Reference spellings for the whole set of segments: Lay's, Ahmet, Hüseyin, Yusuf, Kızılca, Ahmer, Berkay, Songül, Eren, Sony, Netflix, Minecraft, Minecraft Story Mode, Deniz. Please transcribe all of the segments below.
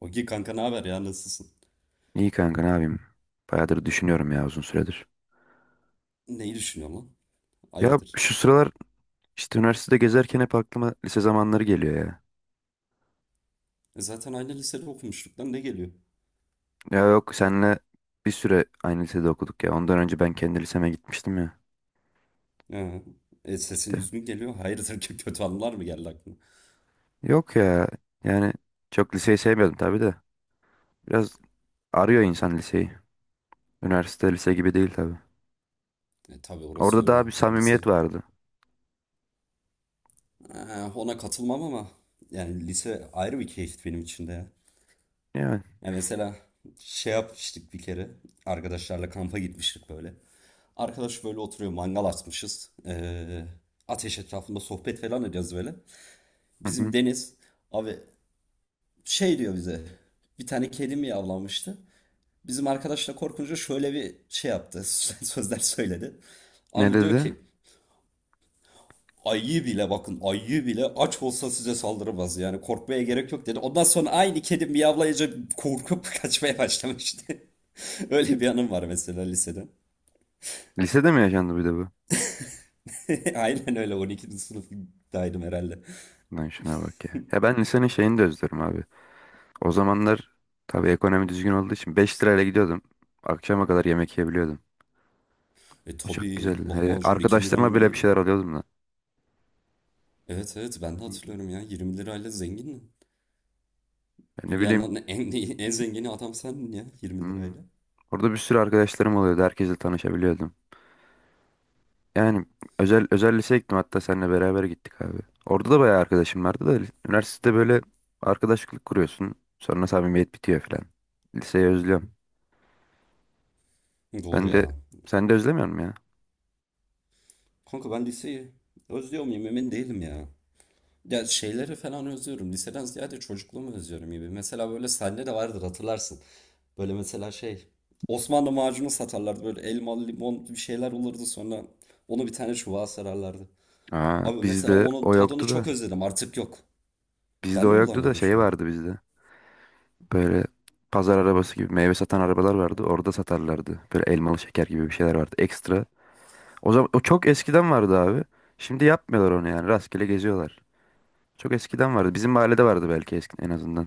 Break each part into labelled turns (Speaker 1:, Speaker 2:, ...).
Speaker 1: Ogi kanka, ne haber ya, nasılsın?
Speaker 2: İyi kanka ne yapayım? Bayağıdır düşünüyorum ya uzun süredir.
Speaker 1: Neyi düşünüyorsun lan?
Speaker 2: Ya
Speaker 1: Hayırdır?
Speaker 2: şu sıralar işte üniversitede gezerken hep aklıma lise zamanları geliyor ya.
Speaker 1: E zaten aynı lisede okumuştuk lan, ne geliyor?
Speaker 2: Ya yok senle bir süre aynı lisede okuduk ya. Ondan önce ben kendi liseme gitmiştim ya.
Speaker 1: Ha. E sesin
Speaker 2: İşte.
Speaker 1: üzgün geliyor. Hayırdır ki kötü anılar mı geldi aklına?
Speaker 2: Yok ya yani çok liseyi sevmiyordum tabii de. Biraz arıyor insan liseyi. Üniversite lise gibi değil tabii.
Speaker 1: E tabii orası
Speaker 2: Orada
Speaker 1: öyle,
Speaker 2: daha bir samimiyet
Speaker 1: lise.
Speaker 2: vardı.
Speaker 1: Ha, ona katılmam ama yani lise ayrı bir keyif benim için de ya.
Speaker 2: Yani.
Speaker 1: Ya mesela yapmıştık bir kere. Arkadaşlarla kampa gitmiştik böyle. Arkadaş böyle oturuyor, mangal açmışız. Ateş etrafında sohbet falan ediyoruz böyle.
Speaker 2: Hı
Speaker 1: Bizim
Speaker 2: hı.
Speaker 1: Deniz abi diyor bize. Bir tane kedi mi yavlamıştı? Bizim arkadaşla korkunca şöyle bir şey yaptı. Sözler söyledi.
Speaker 2: Ne
Speaker 1: Abi diyor
Speaker 2: dedi?
Speaker 1: ki ayı bile, bakın ayı bile aç olsa size saldırmaz, yani korkmaya gerek yok dedi. Ondan sonra aynı kedi miyavlayınca korkup kaçmaya başlamıştı. Öyle bir anım var mesela lisede.
Speaker 2: Lisede mi yaşandı bir de bu?
Speaker 1: Aynen öyle, 12. sınıftaydım herhalde.
Speaker 2: Lan şuna bak ya. Ya ben lisenin şeyini de özlerim abi. O zamanlar tabii ekonomi düzgün olduğu için 5 lirayla gidiyordum. Akşama kadar yemek yiyebiliyordum.
Speaker 1: E
Speaker 2: O çok
Speaker 1: tabii
Speaker 2: güzeldi. He,
Speaker 1: lahmacun 2 lira
Speaker 2: arkadaşlarıma
Speaker 1: mı
Speaker 2: bile bir
Speaker 1: neydi?
Speaker 2: şeyler alıyordum da.
Speaker 1: Evet, evet, ben de
Speaker 2: Hı hı.
Speaker 1: hatırlıyorum ya, 20 lirayla zengindin.
Speaker 2: Ya ne bileyim.
Speaker 1: Dünyanın en zengini adam sendin ya 20
Speaker 2: hmm,
Speaker 1: lirayla.
Speaker 2: Orada bir sürü arkadaşlarım oluyordu. Herkesle tanışabiliyordum. Yani özel liseye gittim. Hatta seninle beraber gittik abi. Orada da bayağı arkadaşım vardı da üniversitede böyle arkadaşlık kuruyorsun. Sonra samimiyet bitiyor falan. Liseyi özlüyorum.
Speaker 1: Doğru
Speaker 2: Sen de
Speaker 1: ya.
Speaker 2: sen de özlemiyor musun ya?
Speaker 1: Kanka ben liseyi özlüyor muyum emin değilim ya. Ya şeyleri falan özlüyorum. Liseden ziyade çocukluğumu özlüyorum gibi. Mesela böyle sende de vardır, hatırlarsın. Böyle mesela Osmanlı macunu satarlardı. Böyle elmalı, limon bir şeyler olurdu, sonra onu bir tane çubuğa sararlardı.
Speaker 2: Aa,
Speaker 1: Abi mesela
Speaker 2: bizde
Speaker 1: onun
Speaker 2: o
Speaker 1: tadını
Speaker 2: yoktu
Speaker 1: çok
Speaker 2: da.
Speaker 1: özledim, artık yok.
Speaker 2: Bizde
Speaker 1: Ben
Speaker 2: o
Speaker 1: de
Speaker 2: yoktu da
Speaker 1: bulamıyorum şu
Speaker 2: şey
Speaker 1: an.
Speaker 2: vardı bizde. Böyle pazar arabası gibi meyve satan arabalar vardı. Orada satarlardı. Böyle elmalı şeker gibi bir şeyler vardı ekstra. O zaman o çok eskiden vardı abi. Şimdi yapmıyorlar onu yani. Rastgele geziyorlar. Çok eskiden vardı. Bizim mahallede vardı belki eski en azından.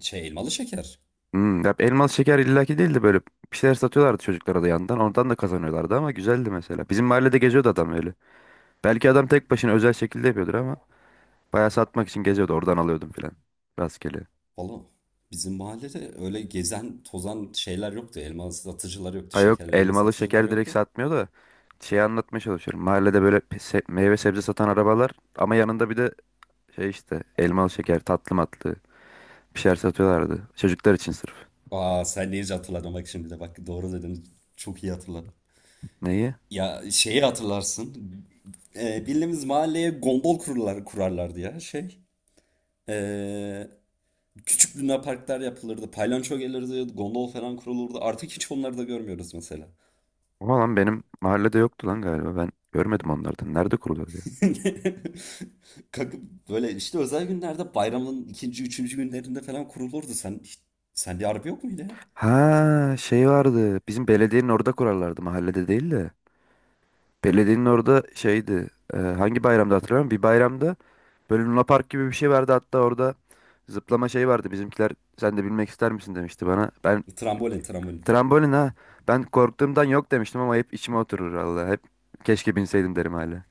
Speaker 1: Şey, elmalı şeker.
Speaker 2: Ya elmalı şeker illaki değildi böyle. Bir şeyler satıyorlardı çocuklara da yandan. Oradan da kazanıyorlardı ama güzeldi mesela. Bizim mahallede geziyordu adam öyle. Belki adam tek başına özel şekilde yapıyordur ama bayağı satmak için geziyordu. Oradan alıyordum filan. Rastgele.
Speaker 1: Valla bizim mahallede öyle gezen tozan şeyler yoktu. Elma satıcılar yoktu.
Speaker 2: Ha yok
Speaker 1: Şekerli elma
Speaker 2: elmalı
Speaker 1: satıcılar
Speaker 2: şeker direkt
Speaker 1: yoktu.
Speaker 2: satmıyor da şeyi anlatmaya çalışıyorum. Mahallede böyle meyve sebze satan arabalar ama yanında bir de şey işte elmalı şeker tatlı matlı bir şeyler satıyorlardı. Çocuklar için sırf.
Speaker 1: Aa, sen neyince hatırladın, bak şimdi de bak doğru dedin. Çok iyi hatırladım.
Speaker 2: Neyi?
Speaker 1: Ya şeyi hatırlarsın. Bildiğimiz mahalleye kurarlardı ya şey. Ee, Küçük lunaparklar yapılırdı. Paylanço gelirdi. Gondol falan kurulurdu. Artık hiç onları da görmüyoruz mesela.
Speaker 2: Ama lan benim mahallede yoktu lan galiba ben görmedim onlardan. Nerede kuruluyor ya?
Speaker 1: Kanka böyle işte özel günlerde, bayramın ikinci, üçüncü günlerinde falan kurulurdu. Sende harbi yok muydu ya?
Speaker 2: Ha şey vardı bizim belediyenin orada kurarlardı mahallede değil de. Belediyenin orada şeydi. Hangi bayramda hatırlamıyorum. Bir bayramda böyle Luna Park gibi bir şey vardı. Hatta orada zıplama şey vardı. Bizimkiler sen de bilmek ister misin demişti bana. Ben
Speaker 1: Trambolin, trambolin.
Speaker 2: trambolin ha. Ben korktuğumdan yok demiştim ama hep içime oturur Allah. Hep keşke binseydim derim hala.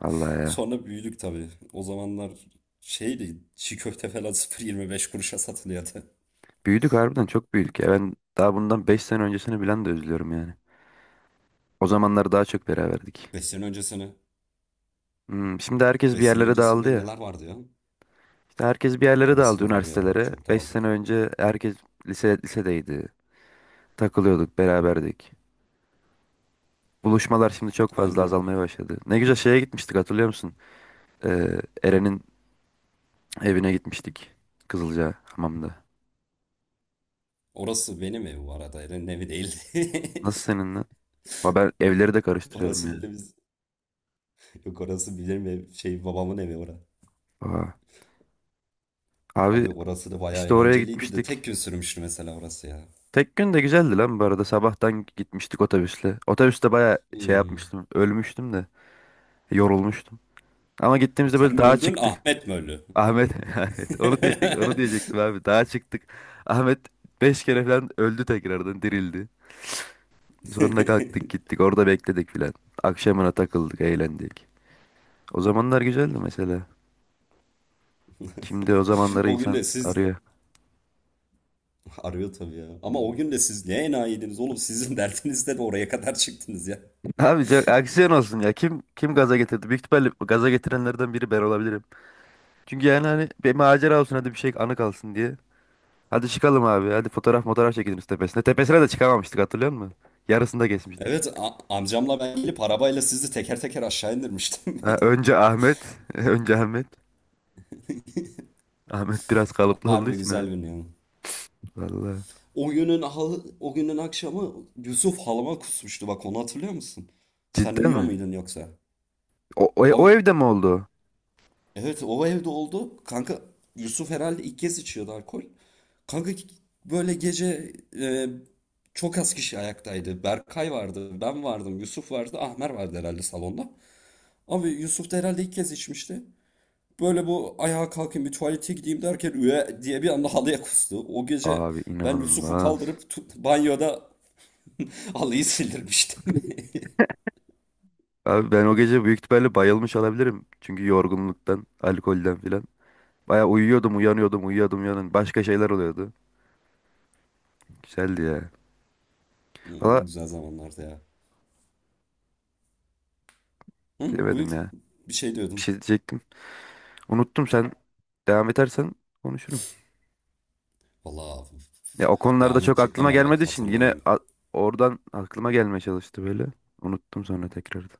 Speaker 2: Allah ya.
Speaker 1: Sonra büyüdük tabii. O zamanlar şeydi, çiğ köfte falan 0,25 kuruşa satılıyordu.
Speaker 2: Büyüdük harbiden çok büyüdük ya. Ben daha bundan 5 sene öncesini bilen de üzülüyorum yani. O zamanlar daha çok beraberdik.
Speaker 1: Beş sene öncesine.
Speaker 2: Şimdi herkes bir
Speaker 1: Beş sene
Speaker 2: yerlere dağıldı
Speaker 1: öncesinde
Speaker 2: ya.
Speaker 1: neler vardı ya?
Speaker 2: İşte herkes bir yerlere
Speaker 1: Orası
Speaker 2: dağıldı
Speaker 1: da doğru ya.
Speaker 2: üniversitelere.
Speaker 1: Çok
Speaker 2: 5 sene
Speaker 1: dağıldık.
Speaker 2: önce herkes lisedeydi. Takılıyorduk, beraberdik. Buluşmalar şimdi çok fazla
Speaker 1: Aynen
Speaker 2: azalmaya
Speaker 1: öyle.
Speaker 2: başladı. Ne güzel şeye gitmiştik hatırlıyor musun? Ee, Eren'in evine gitmiştik. Kızılca hamamda.
Speaker 1: Orası benim ev bu arada. Eren'in evi değil.
Speaker 2: Nasıl seninle? Ama ben evleri de karıştırıyorum ya.
Speaker 1: Orası benim, Yok, orası benim ev. Şey, babamın evi orası.
Speaker 2: Aa. Abi
Speaker 1: Abi orası da bayağı
Speaker 2: işte oraya
Speaker 1: eğlenceliydi de
Speaker 2: gitmiştik.
Speaker 1: tek gün sürmüştü mesela orası ya.
Speaker 2: Tek gün de güzeldi lan bu arada. Sabahtan gitmiştik otobüsle. Otobüste baya şey
Speaker 1: Hmm.
Speaker 2: yapmıştım. Ölmüştüm de. Yorulmuştum. Ama gittiğimizde
Speaker 1: Sen
Speaker 2: böyle
Speaker 1: mi
Speaker 2: dağa
Speaker 1: öldün,
Speaker 2: çıktık.
Speaker 1: Ahmet mi öldü?
Speaker 2: Ahmet, Ahmet onu diyecektim, onu diyecektim abi. Dağa çıktık. Ahmet 5 kere falan öldü tekrardan dirildi. Sonra kalktık gittik orada bekledik filan. Akşamına takıldık eğlendik. O zamanlar güzeldi mesela. Şimdi o zamanları
Speaker 1: O gün
Speaker 2: insan
Speaker 1: de siz
Speaker 2: arıyor.
Speaker 1: arıyor tabii ya. Ama o gün de siz ne enayiydiniz oğlum? Sizin dertinizle de oraya kadar çıktınız ya.
Speaker 2: Abi çok aksiyon olsun ya. Kim gaza getirdi? Büyük ihtimalle gaza getirenlerden biri ben olabilirim. Çünkü yani hani bir macera olsun hadi bir şey anı kalsın diye. Hadi çıkalım abi. Hadi fotoğraf fotoğraf çekelim şu tepesine. Tepesine de çıkamamıştık hatırlıyor musun? Yarısında geçmiştik.
Speaker 1: Amcamla ben gelip arabayla sizi teker teker aşağı indirmiştim.
Speaker 2: Ha, önce Ahmet. Önce Ahmet. Ahmet biraz kalıplı olduğu
Speaker 1: Harbi
Speaker 2: için
Speaker 1: güzel
Speaker 2: abi.
Speaker 1: gün ya.
Speaker 2: Vallahi.
Speaker 1: O günün akşamı Yusuf halıma kusmuştu, bak onu hatırlıyor musun? Sen
Speaker 2: Cidden
Speaker 1: uyuyor
Speaker 2: mi?
Speaker 1: muydun yoksa?
Speaker 2: O, o,
Speaker 1: Abi
Speaker 2: o evde mi oldu?
Speaker 1: evet, o evde oldu. Kanka Yusuf herhalde ilk kez içiyordu alkol. Kanka böyle gece e, çok az kişi ayaktaydı. Berkay vardı, ben vardım, Yusuf vardı, Ahmer vardı herhalde salonda. Abi Yusuf da herhalde ilk kez içmişti. Böyle bu, ayağa kalkayım bir tuvalete gideyim derken üye diye bir anda halıya kustu. O gece
Speaker 2: Abi
Speaker 1: ben Yusuf'u
Speaker 2: inanılmaz.
Speaker 1: kaldırıp banyoda halıyı sildirmiştim.
Speaker 2: Abi ben o gece büyük ihtimalle bayılmış olabilirim. Çünkü yorgunluktan, alkolden filan. Baya uyuyordum, uyanıyordum, uyuyordum, uyanıyordum. Başka şeyler oluyordu. Güzeldi ya.
Speaker 1: Hmm,
Speaker 2: Valla
Speaker 1: güzel zamanlardı ya. Hı,
Speaker 2: bilemedim
Speaker 1: buyur.
Speaker 2: ya.
Speaker 1: Bir şey
Speaker 2: Bir
Speaker 1: diyordun.
Speaker 2: şey diyecektim. Unuttum sen. Devam edersen konuşurum.
Speaker 1: Vallahi
Speaker 2: Ya o konularda
Speaker 1: devam
Speaker 2: çok
Speaker 1: edecek ne
Speaker 2: aklıma
Speaker 1: var,
Speaker 2: gelmediği
Speaker 1: bak
Speaker 2: için yine
Speaker 1: hatırlayayım.
Speaker 2: oradan aklıma gelmeye çalıştı böyle. Unuttum sonra tekrardan.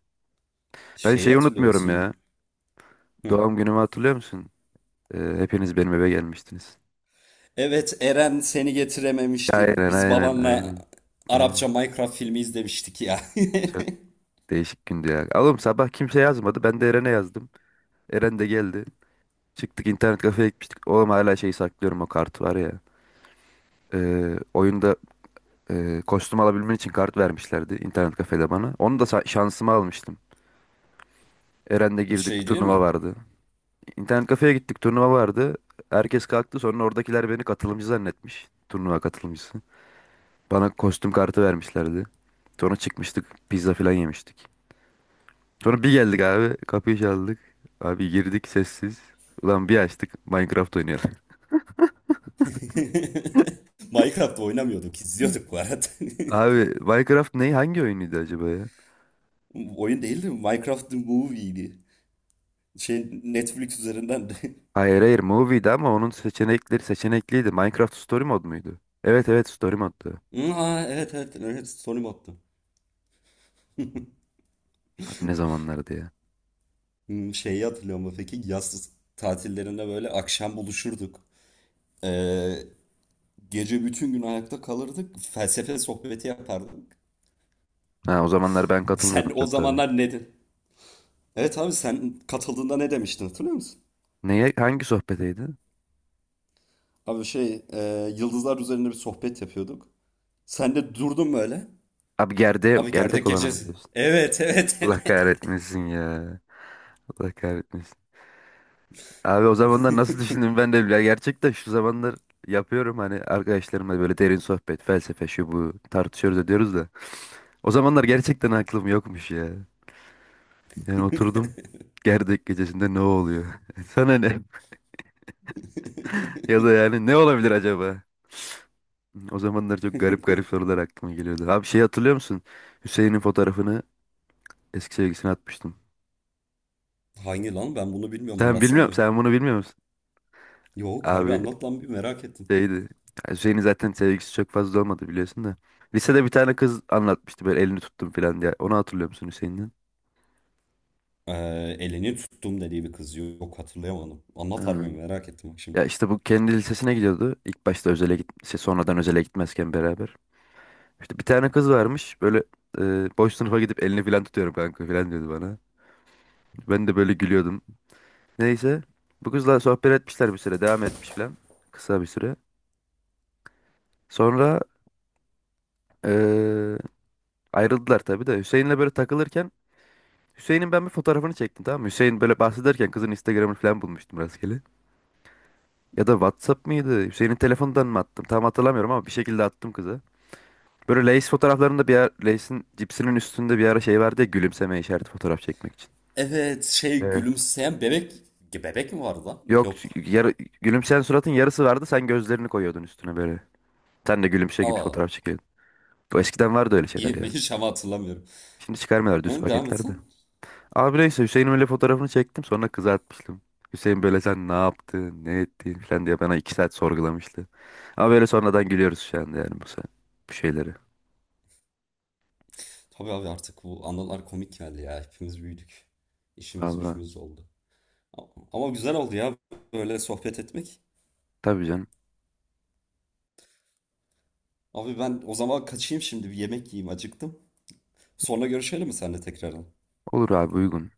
Speaker 2: Ben
Speaker 1: Şeyi
Speaker 2: şeyi
Speaker 1: hatırlıyor
Speaker 2: unutmuyorum ya.
Speaker 1: musun? Hı.
Speaker 2: Doğum günümü hatırlıyor musun? Hepiniz benim eve gelmiştiniz.
Speaker 1: Evet, Eren seni getirememişti.
Speaker 2: Aynen,
Speaker 1: Biz
Speaker 2: aynen,
Speaker 1: babanla
Speaker 2: aynen.
Speaker 1: Arapça
Speaker 2: Aynen.
Speaker 1: Minecraft filmi izlemiştik ya.
Speaker 2: Çok değişik gündü ya. Oğlum sabah kimse yazmadı. Ben de Eren'e yazdım. Eren de geldi. Çıktık internet kafeye gitmiştik. Oğlum hala şeyi saklıyorum o kartı var ya. Oyunda kostüm alabilmen için kart vermişlerdi internet kafede bana. Onu da şansıma almıştım. Eren'le girdik
Speaker 1: Şey değil
Speaker 2: turnuva
Speaker 1: mi?
Speaker 2: vardı. İnternet kafeye gittik turnuva vardı. Herkes kalktı sonra oradakiler beni katılımcı zannetmiş. Turnuva katılımcısı. Bana kostüm kartı vermişlerdi. Sonra çıkmıştık pizza falan yemiştik. Sonra bir geldik abi. Kapıyı çaldık. Abi girdik sessiz. Ulan bir açtık Minecraft oynayalım.
Speaker 1: Minecraft oynamıyorduk, izliyorduk bu arada.
Speaker 2: Abi Minecraft ne? Hangi oyunuydu acaba ya?
Speaker 1: Oyun değildi, Minecraft the Movie'ydi. Şey, Netflix üzerinden de.
Speaker 2: Hayır hayır Movie'di ama onun seçenekleri seçenekliydi. Minecraft Story Mode muydu? Evet evet Story Mode'du.
Speaker 1: Hı, aa, evet, evet, evet, Sony attım.
Speaker 2: Abi ne zamanlardı ya?
Speaker 1: Hmm, şeyi hatırlıyor musun peki? Yaz tatillerinde böyle akşam buluşurduk. Ee, Gece bütün gün ayakta kalırdık. Felsefe sohbeti yapardık.
Speaker 2: Ha o zamanlar ben katılmıyordum
Speaker 1: Sen o
Speaker 2: çok tabii.
Speaker 1: zamanlar ne dedin? Evet abi, sen katıldığında ne demiştin hatırlıyor musun?
Speaker 2: Neye? Hangi sohbeteydi?
Speaker 1: Abi yıldızlar üzerinde bir sohbet yapıyorduk. Sen de durdun böyle.
Speaker 2: Abi gerde
Speaker 1: Abi
Speaker 2: gerdek
Speaker 1: gerdek
Speaker 2: olanı mı
Speaker 1: gecesi.
Speaker 2: diyorsun?
Speaker 1: Evet, evet,
Speaker 2: Allah
Speaker 1: evet.
Speaker 2: kahretmesin ya. Allah kahretmesin. Abi o zamanlar nasıl düşündüm ben de ya gerçekten şu zamanlar yapıyorum hani arkadaşlarımla böyle derin sohbet, felsefe şu bu tartışıyoruz ediyoruz da. O zamanlar gerçekten aklım yokmuş ya. Yani oturdum gerdek gecesinde ne oluyor? Sana ne? Ya da yani ne olabilir acaba? O zamanlar çok garip garip sorular aklıma geliyordu. Abi şey hatırlıyor musun? Hüseyin'in fotoğrafını eski sevgisine atmıştım.
Speaker 1: Hangi lan, ben bunu bilmiyorum,
Speaker 2: Sen
Speaker 1: anlatsana.
Speaker 2: bilmiyorum, sen bunu bilmiyor musun?
Speaker 1: Yok harbi,
Speaker 2: Abi
Speaker 1: anlat lan, bir merak ettim.
Speaker 2: şeydi. Yani Hüseyin'in zaten sevgisi çok fazla olmadı biliyorsun da. Lisede bir tane kız anlatmıştı böyle elini tuttum falan diye. Onu hatırlıyor musun Hüseyin'den?
Speaker 1: Ee, Elini tuttum dediği bir kız yok, hatırlayamadım. Anlat
Speaker 2: Ha.
Speaker 1: harbi, merak ettim bak şimdi.
Speaker 2: Ya işte bu kendi lisesine gidiyordu. İlk başta özele git şey, sonradan özele gitmezken beraber. İşte bir tane kız varmış böyle boş sınıfa gidip elini falan tutuyorum kanka falan diyordu bana. Ben de böyle gülüyordum. Neyse bu kızla sohbet etmişler bir süre devam etmiş falan. Kısa bir süre. Sonra e, ayrıldılar tabii de Hüseyin'le böyle takılırken Hüseyin'in ben bir fotoğrafını çektim tamam mı? Hüseyin böyle bahsederken kızın Instagram'ını falan bulmuştum rastgele. Ya da WhatsApp mıydı? Hüseyin'in telefonundan mı attım? Tam hatırlamıyorum ama bir şekilde attım kıza. Böyle Lay's fotoğraflarında bir ara, Lay's'in cipsinin üstünde bir ara şey vardı ya gülümseme işareti fotoğraf çekmek için.
Speaker 1: Evet, şey,
Speaker 2: Evet.
Speaker 1: gülümseyen bebek. Bebek mi vardı lan?
Speaker 2: Yok
Speaker 1: Yok.
Speaker 2: çünkü yarı, gülümseyen suratın yarısı vardı sen gözlerini koyuyordun üstüne böyle. Sen de gülümse gibi
Speaker 1: Allah Allah.
Speaker 2: fotoğraf çekiyordun. O eskiden vardı öyle şeyler ya.
Speaker 1: Yemeği ama hatırlamıyorum.
Speaker 2: Şimdi çıkarmıyorlar düz
Speaker 1: Hı, devam
Speaker 2: paketlerde.
Speaker 1: etsen.
Speaker 2: Abi neyse Hüseyin'in öyle fotoğrafını çektim sonra kızartmıştım. Hüseyin böyle sen ne yaptın ne ettin falan diye bana 2 saat sorgulamıştı. Ama böyle sonradan gülüyoruz şu anda yani bu, bu şeyleri.
Speaker 1: Tabii abi, artık bu anılar komik geldi ya. Hepimiz büyüdük. İşimiz
Speaker 2: Valla
Speaker 1: gücümüz oldu. Ama güzel oldu ya böyle sohbet etmek.
Speaker 2: tabii canım
Speaker 1: Abi ben o zaman kaçayım, şimdi bir yemek yiyeyim, acıktım. Sonra görüşelim mi seninle tekrardan?
Speaker 2: olur abi uygun.